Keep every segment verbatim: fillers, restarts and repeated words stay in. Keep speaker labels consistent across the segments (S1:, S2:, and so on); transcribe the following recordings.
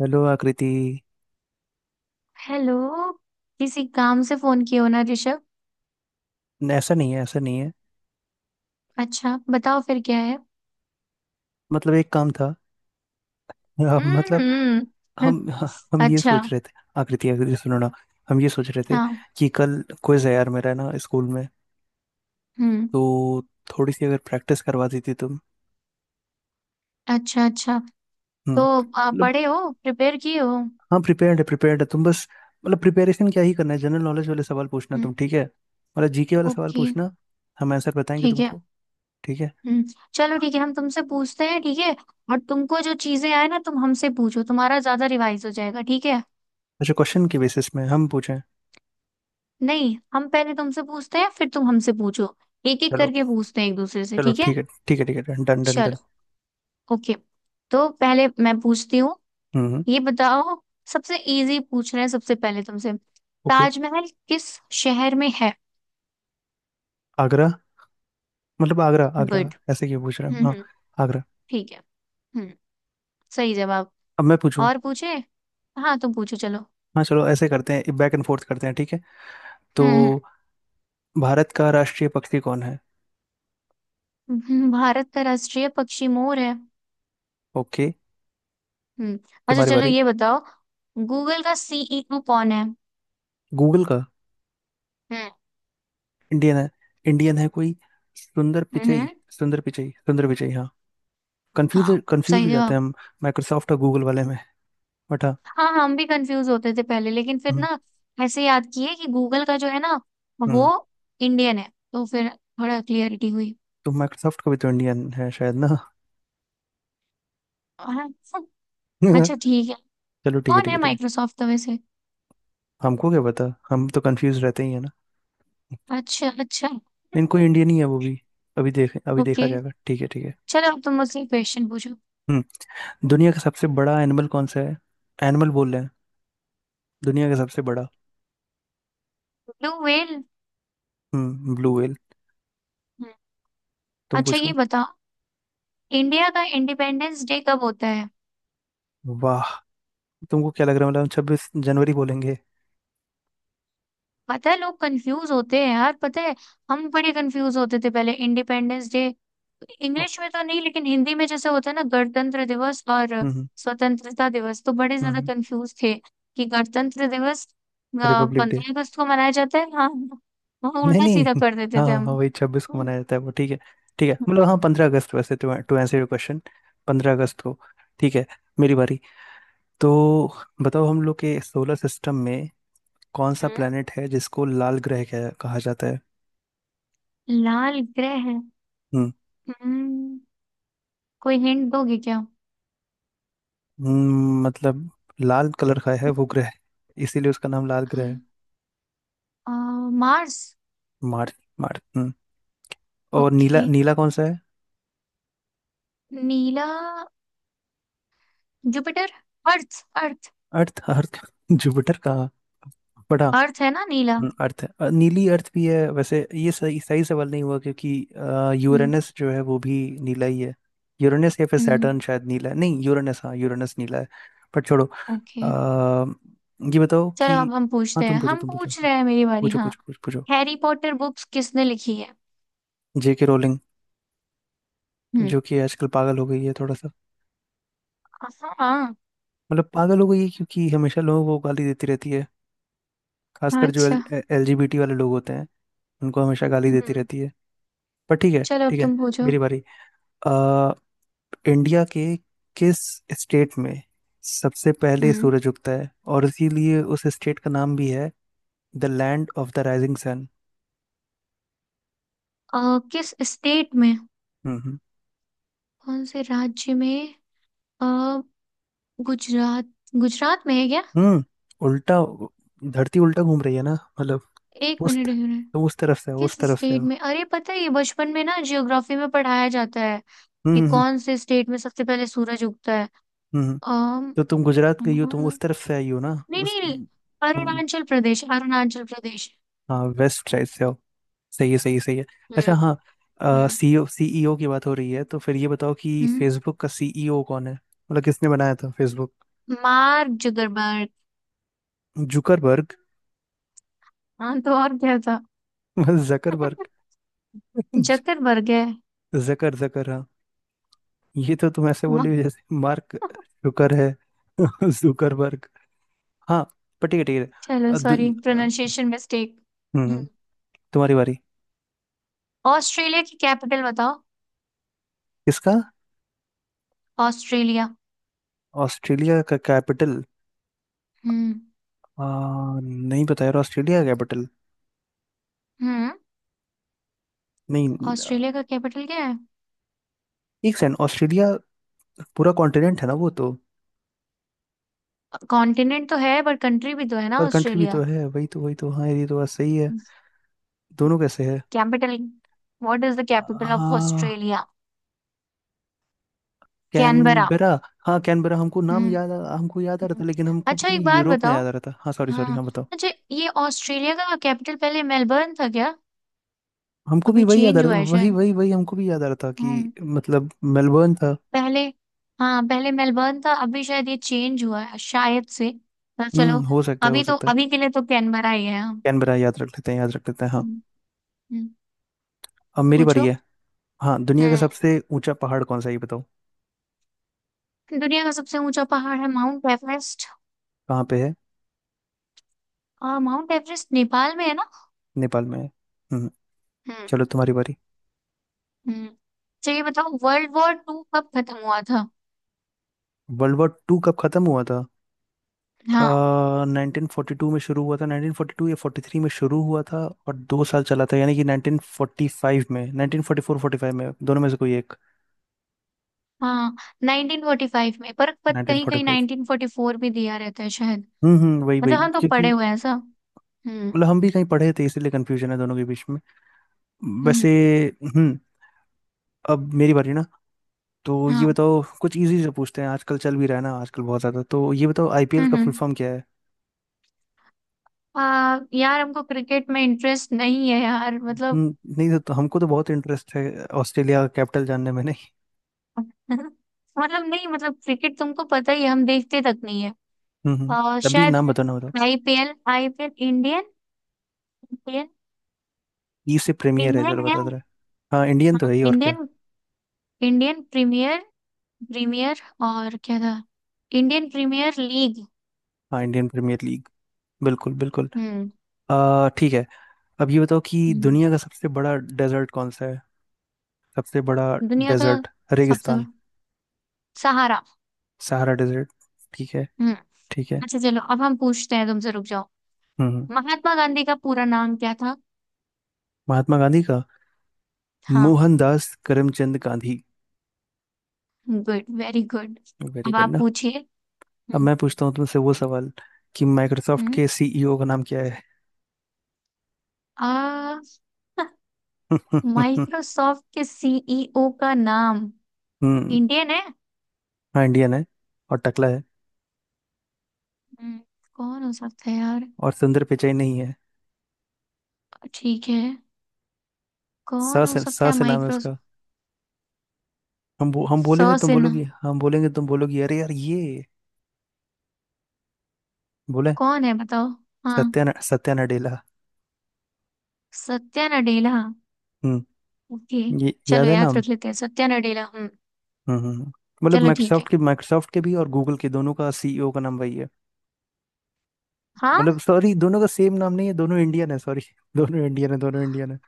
S1: Hello Akriti.
S2: Hello. किसी काम से फोन किया हो ना ऋषभ।
S1: न, ऐसा नहीं है ऐसा नहीं है।
S2: अच्छा बताओ फिर क्या है।
S1: मतलब एक काम था। अ, मतलब
S2: हम्म।
S1: हम हम ये
S2: अच्छा।
S1: सोच रहे थे। आकृति आकृति सुनो ना। हम ये सोच रहे थे
S2: हाँ।
S1: कि कल क्विज है यार मेरा ना स्कूल में।
S2: हम्म।
S1: तो थोड़ी सी अगर प्रैक्टिस करवा देती तुम।
S2: अच्छा अच्छा।
S1: हम्म
S2: तो आ,
S1: मतलब
S2: पढ़े हो प्रिपेयर किए हो।
S1: हाँ प्रिपेयर्ड है प्रिपेयर्ड है तुम बस। मतलब प्रिपेरेशन क्या ही करना है, जनरल नॉलेज वाले सवाल पूछना
S2: हम्म,
S1: तुम, ठीक है, मतलब जीके वाला सवाल
S2: ओके
S1: पूछना। हम आंसर बताएंगे
S2: ठीक है।
S1: तुमको। ठीक है।
S2: हम्म। चलो ठीक है, हम तुमसे पूछते हैं ठीक है। और तुमको जो चीजें आए ना तुम हमसे पूछो, तुम्हारा ज्यादा रिवाइज हो जाएगा ठीक है।
S1: अच्छा, क्वेश्चन के बेसिस में हम पूछें?
S2: नहीं, हम पहले तुमसे पूछते हैं फिर तुम हमसे पूछो। एक एक
S1: चलो।
S2: करके पूछते हैं एक दूसरे से,
S1: चलो
S2: ठीक है।
S1: ठीक है। ठीक है ठीक है डन डन डन डन।
S2: चलो, ओके। तो पहले मैं पूछती हूँ।
S1: हम्म।
S2: ये बताओ। सबसे इजी पूछ रहे हैं सबसे पहले तुमसे।
S1: ओके।
S2: ताजमहल किस शहर में है?
S1: आगरा। मतलब आगरा आगरा।
S2: गुड।
S1: ऐसे क्यों पूछ रहे
S2: हम्म
S1: हो हाँ?
S2: हम्म।
S1: आगरा।
S2: ठीक है। हम्म। सही जवाब।
S1: अब मैं पूछूं?
S2: और पूछे। हाँ तुम पूछो, चलो।
S1: हाँ चलो ऐसे करते हैं, बैक एंड फोर्थ करते हैं, ठीक है। तो
S2: हम्म,
S1: भारत का राष्ट्रीय पक्षी कौन है?
S2: हम्म, हम्म, भारत का राष्ट्रीय पक्षी मोर है।
S1: ओके।
S2: हम्म। अच्छा
S1: तुम्हारी
S2: चलो
S1: बारी।
S2: ये बताओ। गूगल का सीईओ कौन है?
S1: गूगल का?
S2: हम्म।
S1: इंडियन है, इंडियन है कोई। सुंदर पिचई।
S2: हम्म।
S1: सुंदर पिचई, सुंदर पिचई, हाँ। कंफ्यूज
S2: हाँ।
S1: कंफ्यूज
S2: सही
S1: हो जाते हैं
S2: जवाब।
S1: हम। माइक्रोसॉफ्ट और गूगल वाले में। बट हाँ।
S2: हाँ, हम भी कंफ्यूज होते थे पहले, लेकिन फिर
S1: हम्म
S2: ना ऐसे याद किए कि गूगल का जो है ना, वो
S1: हम्म।
S2: इंडियन है, तो फिर थोड़ा क्लियरिटी हुई।
S1: तो माइक्रोसॉफ्ट का भी तो इंडियन है शायद ना।
S2: हाँ, अच्छा ठीक है।
S1: चलो ठीक है
S2: कौन
S1: ठीक
S2: है
S1: है ठीक है।
S2: माइक्रोसॉफ्ट तो वैसे?
S1: हमको क्या पता। हम तो कंफ्यूज रहते ही है ना।
S2: अच्छा अच्छा।
S1: लेकिन कोई इंडियन ही है वो भी। अभी देख अभी देखा
S2: ओके,
S1: जाएगा, ठीक है ठीक है।
S2: चलो अब तुम मुझसे क्वेश्चन पूछो।
S1: हम्म। दुनिया का सबसे बड़ा एनिमल कौन सा है? एनिमल बोल रहे हैं। दुनिया का सबसे बड़ा।
S2: Blue whale.
S1: हम्म ब्लू व्हेल। तुम
S2: अच्छा ये
S1: पूछो।
S2: बताओ। इंडिया का इंडिपेंडेंस डे कब होता है?
S1: वाह। तुमको क्या लग रहा है, मतलब छब्बीस जनवरी बोलेंगे?
S2: पता है लोग कंफ्यूज होते हैं यार, पता है। हम बड़े कंफ्यूज होते थे पहले इंडिपेंडेंस डे।
S1: ओ।
S2: इंग्लिश में तो नहीं, लेकिन हिंदी में जैसे होता है ना गणतंत्र दिवस और
S1: हम्म।
S2: स्वतंत्रता दिवस, तो बड़े ज्यादा
S1: हम्म।
S2: कंफ्यूज थे कि गणतंत्र दिवस
S1: रिपब्लिक डे।
S2: पंद्रह अगस्त को मनाया जाता है? हाँ। हाँ
S1: नहीं
S2: उल्टा
S1: नहीं
S2: सीधा कर देते
S1: हाँ
S2: थे
S1: हाँ हाँ,
S2: हम।
S1: वही छब्बीस को
S2: हम्म,
S1: मनाया जाता है वो, ठीक है। ठीक है, मतलब हाँ पंद्रह अगस्त, वैसे to to answer your question. पंद्रह अगस्त को। ठीक है। मेरी बारी। तो बताओ हम लोग के सोलर सिस्टम में कौन सा
S2: हम्म
S1: प्लेनेट है जिसको लाल ग्रह कह- कहा जाता है?
S2: लाल ग्रह।
S1: हम्म।
S2: हम्म कोई हिंट दोगे क्या?
S1: हम्म। मतलब लाल कलर का है वो ग्रह, इसीलिए उसका नाम लाल ग्रह है।
S2: आ, मार्स।
S1: मार्स। मार्स। हम्म। और नीला
S2: ओके।
S1: नीला कौन सा है?
S2: नीला। जुपिटर। अर्थ।
S1: अर्थ अर्थ। जुपिटर का बड़ा।
S2: अर्थ है ना नीला।
S1: हम्म, अर्थ है, अ, नीली अर्थ भी है, वैसे ये सही सही सवाल नहीं हुआ, क्योंकि अ,
S2: हम्म।
S1: यूरेनस जो है वो भी नीला ही है। यूरेनस या फिर सैटर्न
S2: हम्म।
S1: शायद नीला है, नहीं यूरेनस, हाँ यूरेनस नीला है। पर छोड़ो।
S2: ओके,
S1: आ, ये बताओ
S2: चलो
S1: कि,
S2: अब हम
S1: हाँ
S2: पूछते
S1: तुम
S2: हैं,
S1: पूछो
S2: हम
S1: तुम पूछो
S2: पूछ
S1: हाँ।
S2: रहे हैं, मेरी बारी,
S1: पूछो
S2: हाँ।
S1: पूछो पूछो पूछो।
S2: हैरी पॉटर बुक्स किसने लिखी है?
S1: जेके रोलिंग।
S2: हम्म।
S1: जो कि आजकल पागल हो गई है थोड़ा सा।
S2: हाँ।
S1: मतलब पागल हो गई है क्योंकि हमेशा लोगों को गाली देती रहती है, खासकर जो
S2: अच्छा।
S1: एल एलजीबीटी वाले लोग होते हैं उनको हमेशा गाली देती
S2: हम्म।
S1: रहती है। पर ठीक है।
S2: चलो अब
S1: ठीक है।
S2: तुम पूछो।
S1: मेरी बारी। आ, इंडिया के किस स्टेट में सबसे पहले
S2: हम्म।
S1: सूरज उगता है और इसीलिए उस स्टेट का नाम भी है the land of the rising sun.
S2: अ, किस स्टेट में?
S1: हम्म
S2: कौन से राज्य में? अ गुजरात। गुजरात में है क्या?
S1: हम्म हम्म। उल्टा। धरती उल्टा घूम रही है ना। मतलब
S2: एक
S1: उस
S2: मिनट, एक मिनट।
S1: तुम उस तरफ से हो,
S2: किस
S1: उस तरफ से
S2: स्टेट
S1: हो।
S2: में? अरे पता है, ये बचपन में ना जियोग्राफी में पढ़ाया जाता है कि
S1: हम्म हम्म
S2: कौन से स्टेट में सबसे पहले सूरज उगता है।
S1: हम्म। हम्म। तो तुम गुजरात
S2: अम
S1: गई हो, तुम उस तरफ
S2: नहीं
S1: से आई हो ना उस।
S2: नहीं नहीं। अरुणाचल प्रदेश, अरुणाचल प्रदेश।
S1: हाँ वेस्ट साइड से हो। सही है सही है सही है। अच्छा
S2: हम्म
S1: हाँ,
S2: हम्म।
S1: सीईओ सीईओ की बात हो रही है तो फिर ये बताओ कि
S2: हम्म।
S1: फेसबुक का सीईओ कौन है, मतलब किसने बनाया था फेसबुक?
S2: Mark Zuckerberg.
S1: जुकरबर्ग।
S2: हाँ तो और क्या था?
S1: जकरबर्ग।
S2: जुकरबर्ग है।
S1: जकर जकर हाँ। ये तो तुम ऐसे बोल
S2: मा-
S1: रही हो जैसे मार्क जुकर है। जुकरबर्ग। हाँ। पर ठीक है ठीक है।
S2: चलो
S1: अ, दु-
S2: सॉरी,
S1: अ, हम्म
S2: प्रोनाउंसिएशन मिस्टेक।
S1: हम्म, तुम्हारी बारी।
S2: ऑस्ट्रेलिया की कैपिटल बताओ।
S1: किसका?
S2: ऑस्ट्रेलिया।
S1: ऑस्ट्रेलिया का कैपिटल।
S2: हम्म।
S1: आ, नहीं पता यार ऑस्ट्रेलिया का कैपिटल।
S2: हम्म।
S1: नहीं। अ,
S2: ऑस्ट्रेलिया का कैपिटल क्या है?
S1: एक सेकंड, ऑस्ट्रेलिया पूरा कॉन्टिनेंट है ना वो तो।
S2: कॉन्टिनेंट तो है बट कंट्री भी तो है ना
S1: पर कंट्री भी
S2: ऑस्ट्रेलिया।
S1: तो है, वही तो वही तो, हाँ ये तो बात सही है। दोनों कैसे है?
S2: Capital. What is the capital of
S1: हाँ
S2: ऑस्ट्रेलिया? कैनबरा।
S1: कैनबेरा। हाँ कैनबेरा, हमको नाम
S2: हम्म।
S1: याद आ- हमको याद आ रहा था,
S2: हम्म।
S1: लेकिन हमको
S2: अच्छा
S1: पता
S2: एक
S1: नहीं,
S2: बात
S1: यूरोप में
S2: बताओ।
S1: याद आ रहा था, हाँ सॉरी सॉरी,
S2: हाँ।
S1: हाँ बताओ।
S2: अच्छा ये ऑस्ट्रेलिया का कैपिटल पहले मेलबर्न था क्या?
S1: हमको भी
S2: अभी
S1: वही याद आ
S2: चेंज
S1: रहा
S2: हुआ
S1: था,
S2: है
S1: वही
S2: शायद।
S1: वही वही, हमको भी याद आ रहा था कि
S2: हम्म।
S1: मतलब मेलबर्न था।
S2: पहले। हाँ पहले मेलबर्न था, अभी शायद ये चेंज हुआ है शायद से। पर चलो।
S1: हम्म हो सकता है हो
S2: अभी तो
S1: सकता है।
S2: अभी के लिए तो कैनबरा ही है, हम।
S1: कैनबेरा याद रख लेते हैं, याद रख लेते हैं, हाँ।
S2: हम्म, हम्म,
S1: अब मेरी बारी
S2: पूछो।
S1: है। हाँ दुनिया का
S2: हम्म।
S1: सबसे ऊंचा पहाड़ कौन सा है ये बताओ।
S2: दुनिया का सबसे ऊंचा पहाड़ है माउंट एवरेस्ट।
S1: कहाँ पे है?
S2: और माउंट एवरेस्ट नेपाल में है ना।
S1: नेपाल में है। हम्म।
S2: हम्म।
S1: चलो तुम्हारी बारी।
S2: हम्म। तो ये बताओ वर्ल्ड वॉर टू कब खत्म हुआ था?
S1: वर्ल्ड वॉर टू कब खत्म हुआ था?
S2: हाँ।
S1: नाइनटीन फोर्टी टू में शुरू हुआ था, नाइनटीन फोर्टी टू या फोर्टी थ्री में शुरू हुआ था। और दो साल चला था, यानी कि नाइनटीन फोर्टी फाइव में, nineteen forty four forty five में, दोनों में से कोई एक।
S2: हाँ, नाइनटीन फोर्टी फाइव में, पर पर
S1: नाइनटीन
S2: कहीं
S1: फोर्टी
S2: कहीं
S1: फाइव
S2: नाइनटीन फोर्टी फोर भी दिया रहता है शायद।
S1: हम्म हम्म वही वही,
S2: मतलब हम तो पढ़े
S1: क्योंकि
S2: हुए हैं सब। हम्म।
S1: मतलब हम भी कहीं पढ़े थे इसीलिए कंफ्यूजन है दोनों के बीच में
S2: हम्म।
S1: वैसे। हम्म। अब मेरी बारी ना। तो ये
S2: हाँ।
S1: बताओ कुछ इजी से पूछते हैं, आजकल चल भी रहा है ना आजकल बहुत ज्यादा, तो ये बताओ आईपीएल
S2: हम्म।
S1: का फुल
S2: हम्म।
S1: फॉर्म क्या है?
S2: आ, यार हमको क्रिकेट में इंटरेस्ट नहीं है यार, मतलब।
S1: हम्म नहीं तो, हमको तो बहुत इंटरेस्ट है, ऑस्ट्रेलिया का कैपिटल जानने में नहीं।
S2: मतलब नहीं, मतलब क्रिकेट तुमको पता ही है, हम देखते तक नहीं है।
S1: हम्म हम्म,
S2: आ,
S1: तब भी
S2: शायद।
S1: नाम बताओ ना।
S2: आईपीएल आईपीएल इंडियन इंडियन
S1: ई से प्रीमियर है,
S2: इंडियन
S1: चलो
S2: है।
S1: बता दे रहा है। हाँ इंडियन तो
S2: हाँ
S1: है ही, और क्या।
S2: इंडियन। Indian Premier. प्रीमियर। और क्या था? Indian Premier League.
S1: हाँ इंडियन प्रीमियर लीग। बिल्कुल बिल्कुल।
S2: हम्म।
S1: आ, ठीक है। अब ये बताओ कि दुनिया का सबसे बड़ा डेजर्ट कौन सा है? सबसे बड़ा।
S2: दुनिया का
S1: डेजर्ट।
S2: सबसे
S1: रेगिस्तान।
S2: बड़ा। सहारा।
S1: Sahara desert. ठीक है।
S2: हम्म।
S1: ठीक है।
S2: अच्छा चलो अब हम पूछते हैं तुमसे, रुक जाओ।
S1: हम्म हम्म,
S2: महात्मा गांधी का पूरा नाम क्या था?
S1: महात्मा गांधी का
S2: हाँ।
S1: Mohandas Karamchand Gandhi.
S2: Good, very good.
S1: Very
S2: अब
S1: गुड
S2: आप
S1: ना।
S2: पूछिए।
S1: अब
S2: हम्म।
S1: मैं पूछता हूँ तुमसे वो सवाल कि माइक्रोसॉफ्ट के
S2: हम्म
S1: सीईओ का नाम क्या है?
S2: आ माइक्रोसॉफ्ट के सीईओ का नाम।
S1: हम्म
S2: इंडियन है।
S1: हाँ इंडियन है और टकला है।
S2: हम्म, कौन हो सकता है यार?
S1: और सुंदर पिचाई नहीं है।
S2: ठीक है।
S1: सा
S2: कौन हो
S1: से
S2: सकता
S1: सा
S2: है
S1: से नाम है उसका।
S2: माइक्रोसॉफ्ट?
S1: हम बो, हम
S2: सौ
S1: बोलेंगे तुम
S2: सिन्हा।
S1: बोलोगी, हम बोलेंगे तुम बोलोगी, अरे यार ये बोले
S2: कौन है बताओ? हाँ।
S1: सत्या न- सत्या नडेला।
S2: सत्या नडेला।
S1: हम्म।
S2: ओके।
S1: ये याद
S2: चलो
S1: है
S2: याद
S1: नाम।
S2: रख लेते हैं सत्या नडेला, हम्म।
S1: हम्म हम्म। हम्म। मतलब
S2: चलो ठीक है।
S1: माइक्रोसॉफ्ट के माइक्रोसॉफ्ट के भी और गूगल के, दोनों का सीईओ का नाम वही है। मतलब
S2: हाँ।
S1: सॉरी, दोनों का सेम नाम नहीं है, दोनों इंडियन है, सॉरी दोनों इंडियन है दोनों इंडियन है।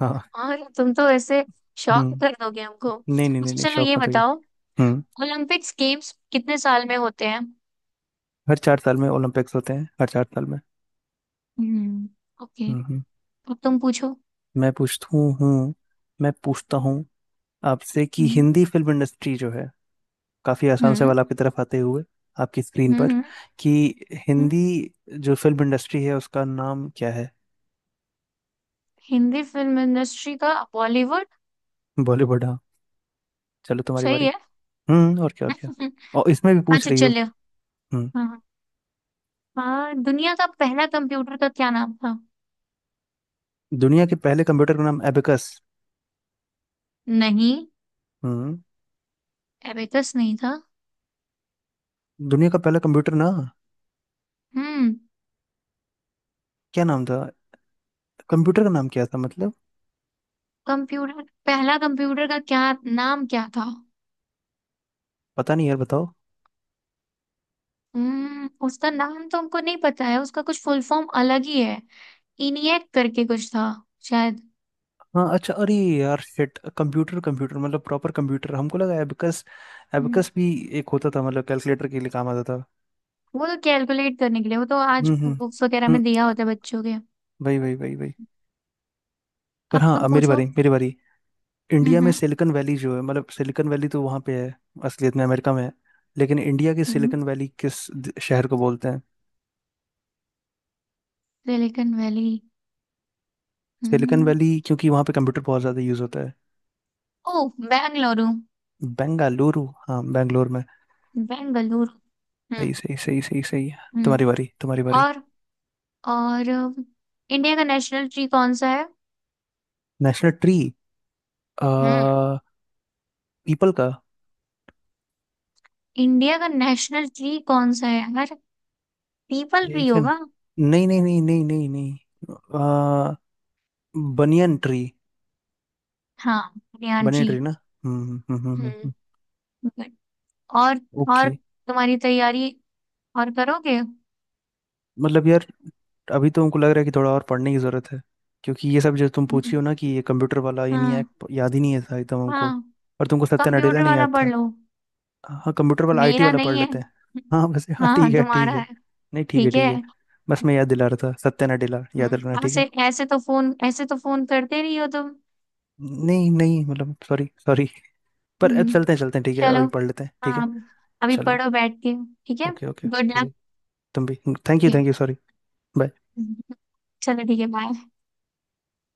S1: हाँ।
S2: और तुम तो ऐसे शॉक कर
S1: हम्म
S2: दोगे हमको।
S1: नहीं नहीं नहीं
S2: अच्छा
S1: नहीं,
S2: चलो
S1: शौक
S2: ये
S1: मत होइए।
S2: बताओ।
S1: हम्म
S2: ओलंपिक्स गेम्स कितने साल में होते हैं?
S1: हर चार साल में ओलंपिक्स होते हैं, हर चार साल में।
S2: हम्म। ओके।
S1: हम्म हम्म।
S2: अब तुम पूछो।
S1: मैं पूछता हूँ हूँ, मैं पूछता हूँ आपसे कि
S2: हम्म
S1: हिंदी फिल्म इंडस्ट्री जो है, काफी आसान
S2: हम्म
S1: सवाल आपकी तरफ आते हुए, आपकी स्क्रीन पर,
S2: हम्म
S1: कि
S2: हम्म,
S1: हिंदी जो फिल्म इंडस्ट्री है उसका नाम क्या है?
S2: हिंदी फिल्म इंडस्ट्री का बॉलीवुड।
S1: बॉलीवुड हाँ। चलो तुम्हारी
S2: सही
S1: बारी।
S2: है।
S1: हम्म और क्या और क्या। और इसमें भी पूछ
S2: अच्छा
S1: रही हो।
S2: चलिए।
S1: हम्म।
S2: हाँ हाँ। हाँ, दुनिया का पहला कंप्यूटर का क्या नाम था?
S1: दुनिया के पहले कंप्यूटर का नाम एबेकस।
S2: नहीं।
S1: हम्म।
S2: एबेकस नहीं था।
S1: दुनिया का पहला कंप्यूटर ना
S2: हम्म।
S1: क्या नाम था? कंप्यूटर का नाम क्या था मतलब?
S2: कंप्यूटर, पहला कंप्यूटर का क्या नाम क्या था?
S1: पता नहीं यार बताओ।
S2: हम्म उसका नाम तो हमको नहीं पता है, उसका कुछ फुल फॉर्म अलग ही है। इनिएक करके कुछ था शायद।
S1: हाँ अच्छा अरे यार शिट, कंप्यूटर कंप्यूटर मतलब प्रॉपर कंप्यूटर, हमको लगा एबेकस।
S2: हम्म,
S1: एबेकस भी एक होता था, मतलब कैलकुलेटर के लिए काम आता था।
S2: वो तो कैलकुलेट करने के लिए, वो तो आज
S1: हम्म हम्म
S2: बुक्स वगैरह
S1: हम्म,
S2: में दिया होता है बच्चों के।
S1: वही वही वही वही। पर
S2: अब
S1: हाँ,
S2: तुम
S1: अब मेरी
S2: पूछो।
S1: बारी मेरी बारी। इंडिया
S2: हम्म
S1: में
S2: हम्म।
S1: सिलिकन वैली जो है, मतलब सिलिकन वैली तो वहाँ पे है असलियत में, अमेरिका में है। लेकिन इंडिया की
S2: हम्म।
S1: सिलिकन वैली किस द- शहर को बोलते हैं?
S2: Silicon Valley.
S1: सिलिकन
S2: हम्म।
S1: वैली, क्योंकि वहाँ पे कंप्यूटर बहुत ज़्यादा यूज़ होता है।
S2: ओ, बेंगलुरु।
S1: बेंगालुरु, हाँ बेंगलोर में।
S2: बेंगलुरु। हम्म।
S1: सही सही सही सही सही।
S2: हम्म।
S1: तुम्हारी बारी तुम्हारी बारी।
S2: और। और अम, इंडिया का नेशनल ट्री कौन सा है?
S1: National tree. आ
S2: हम्म।
S1: पीपल का।
S2: इंडिया का नेशनल ट्री कौन सा है यार? पीपल ट्री
S1: एक सेकंड।
S2: होगा।
S1: नहीं नहीं नहीं नहीं नहीं नहीं। आ बनियन ट्री।
S2: हाँ, बनियान
S1: बनियन
S2: ट्री।
S1: ट्री ना। हम्म हम्म हम्म हम्म,
S2: हम्म।
S1: हम्म।
S2: और। और
S1: ओके।
S2: तुम्हारी तैयारी और करोगे?
S1: मतलब यार, अभी तो हमको लग रहा है कि थोड़ा और पढ़ने की ज़रूरत है, क्योंकि ये सब जो तुम पूछी हो ना, कि ये कंप्यूटर वाला ये नहीं है,
S2: हाँ।
S1: याद ही नहीं है था एकदम हमको।
S2: हाँ
S1: और तुमको सत्या नडेला
S2: कंप्यूटर
S1: नहीं
S2: वाला
S1: याद
S2: पढ़
S1: था।
S2: लो।
S1: हाँ कंप्यूटर वाला आईटी
S2: मेरा
S1: वाला
S2: नहीं
S1: पढ़
S2: है।
S1: लेते हैं। हाँ बस, हाँ
S2: हाँ
S1: ठीक
S2: हाँ,
S1: है
S2: तुम्हारा
S1: ठीक है।
S2: है।
S1: नहीं ठीक है
S2: ठीक
S1: ठीक
S2: है।
S1: है। बस मैं याद दिला रहा था, सत्या नडेला याद रखना
S2: हम्म,
S1: ठीक है।
S2: ऐसे, ऐसे तो फोन, ऐसे तो फोन करते नहीं हो तुम।
S1: नहीं नहीं, मतलब सॉरी सॉरी। पर अब
S2: हम्म,
S1: चलते हैं चलते हैं, ठीक है,
S2: चलो।
S1: अभी पढ़ लेते हैं, ठीक है।
S2: हाँ। अभी
S1: चलो।
S2: पढ़ो बैठ के। ठीक है।
S1: ओके ओके
S2: गुड
S1: ठीक
S2: लक।
S1: है। तुम भी। Thank you thank you sorry. Bye.
S2: चलो ठीक है, बाय।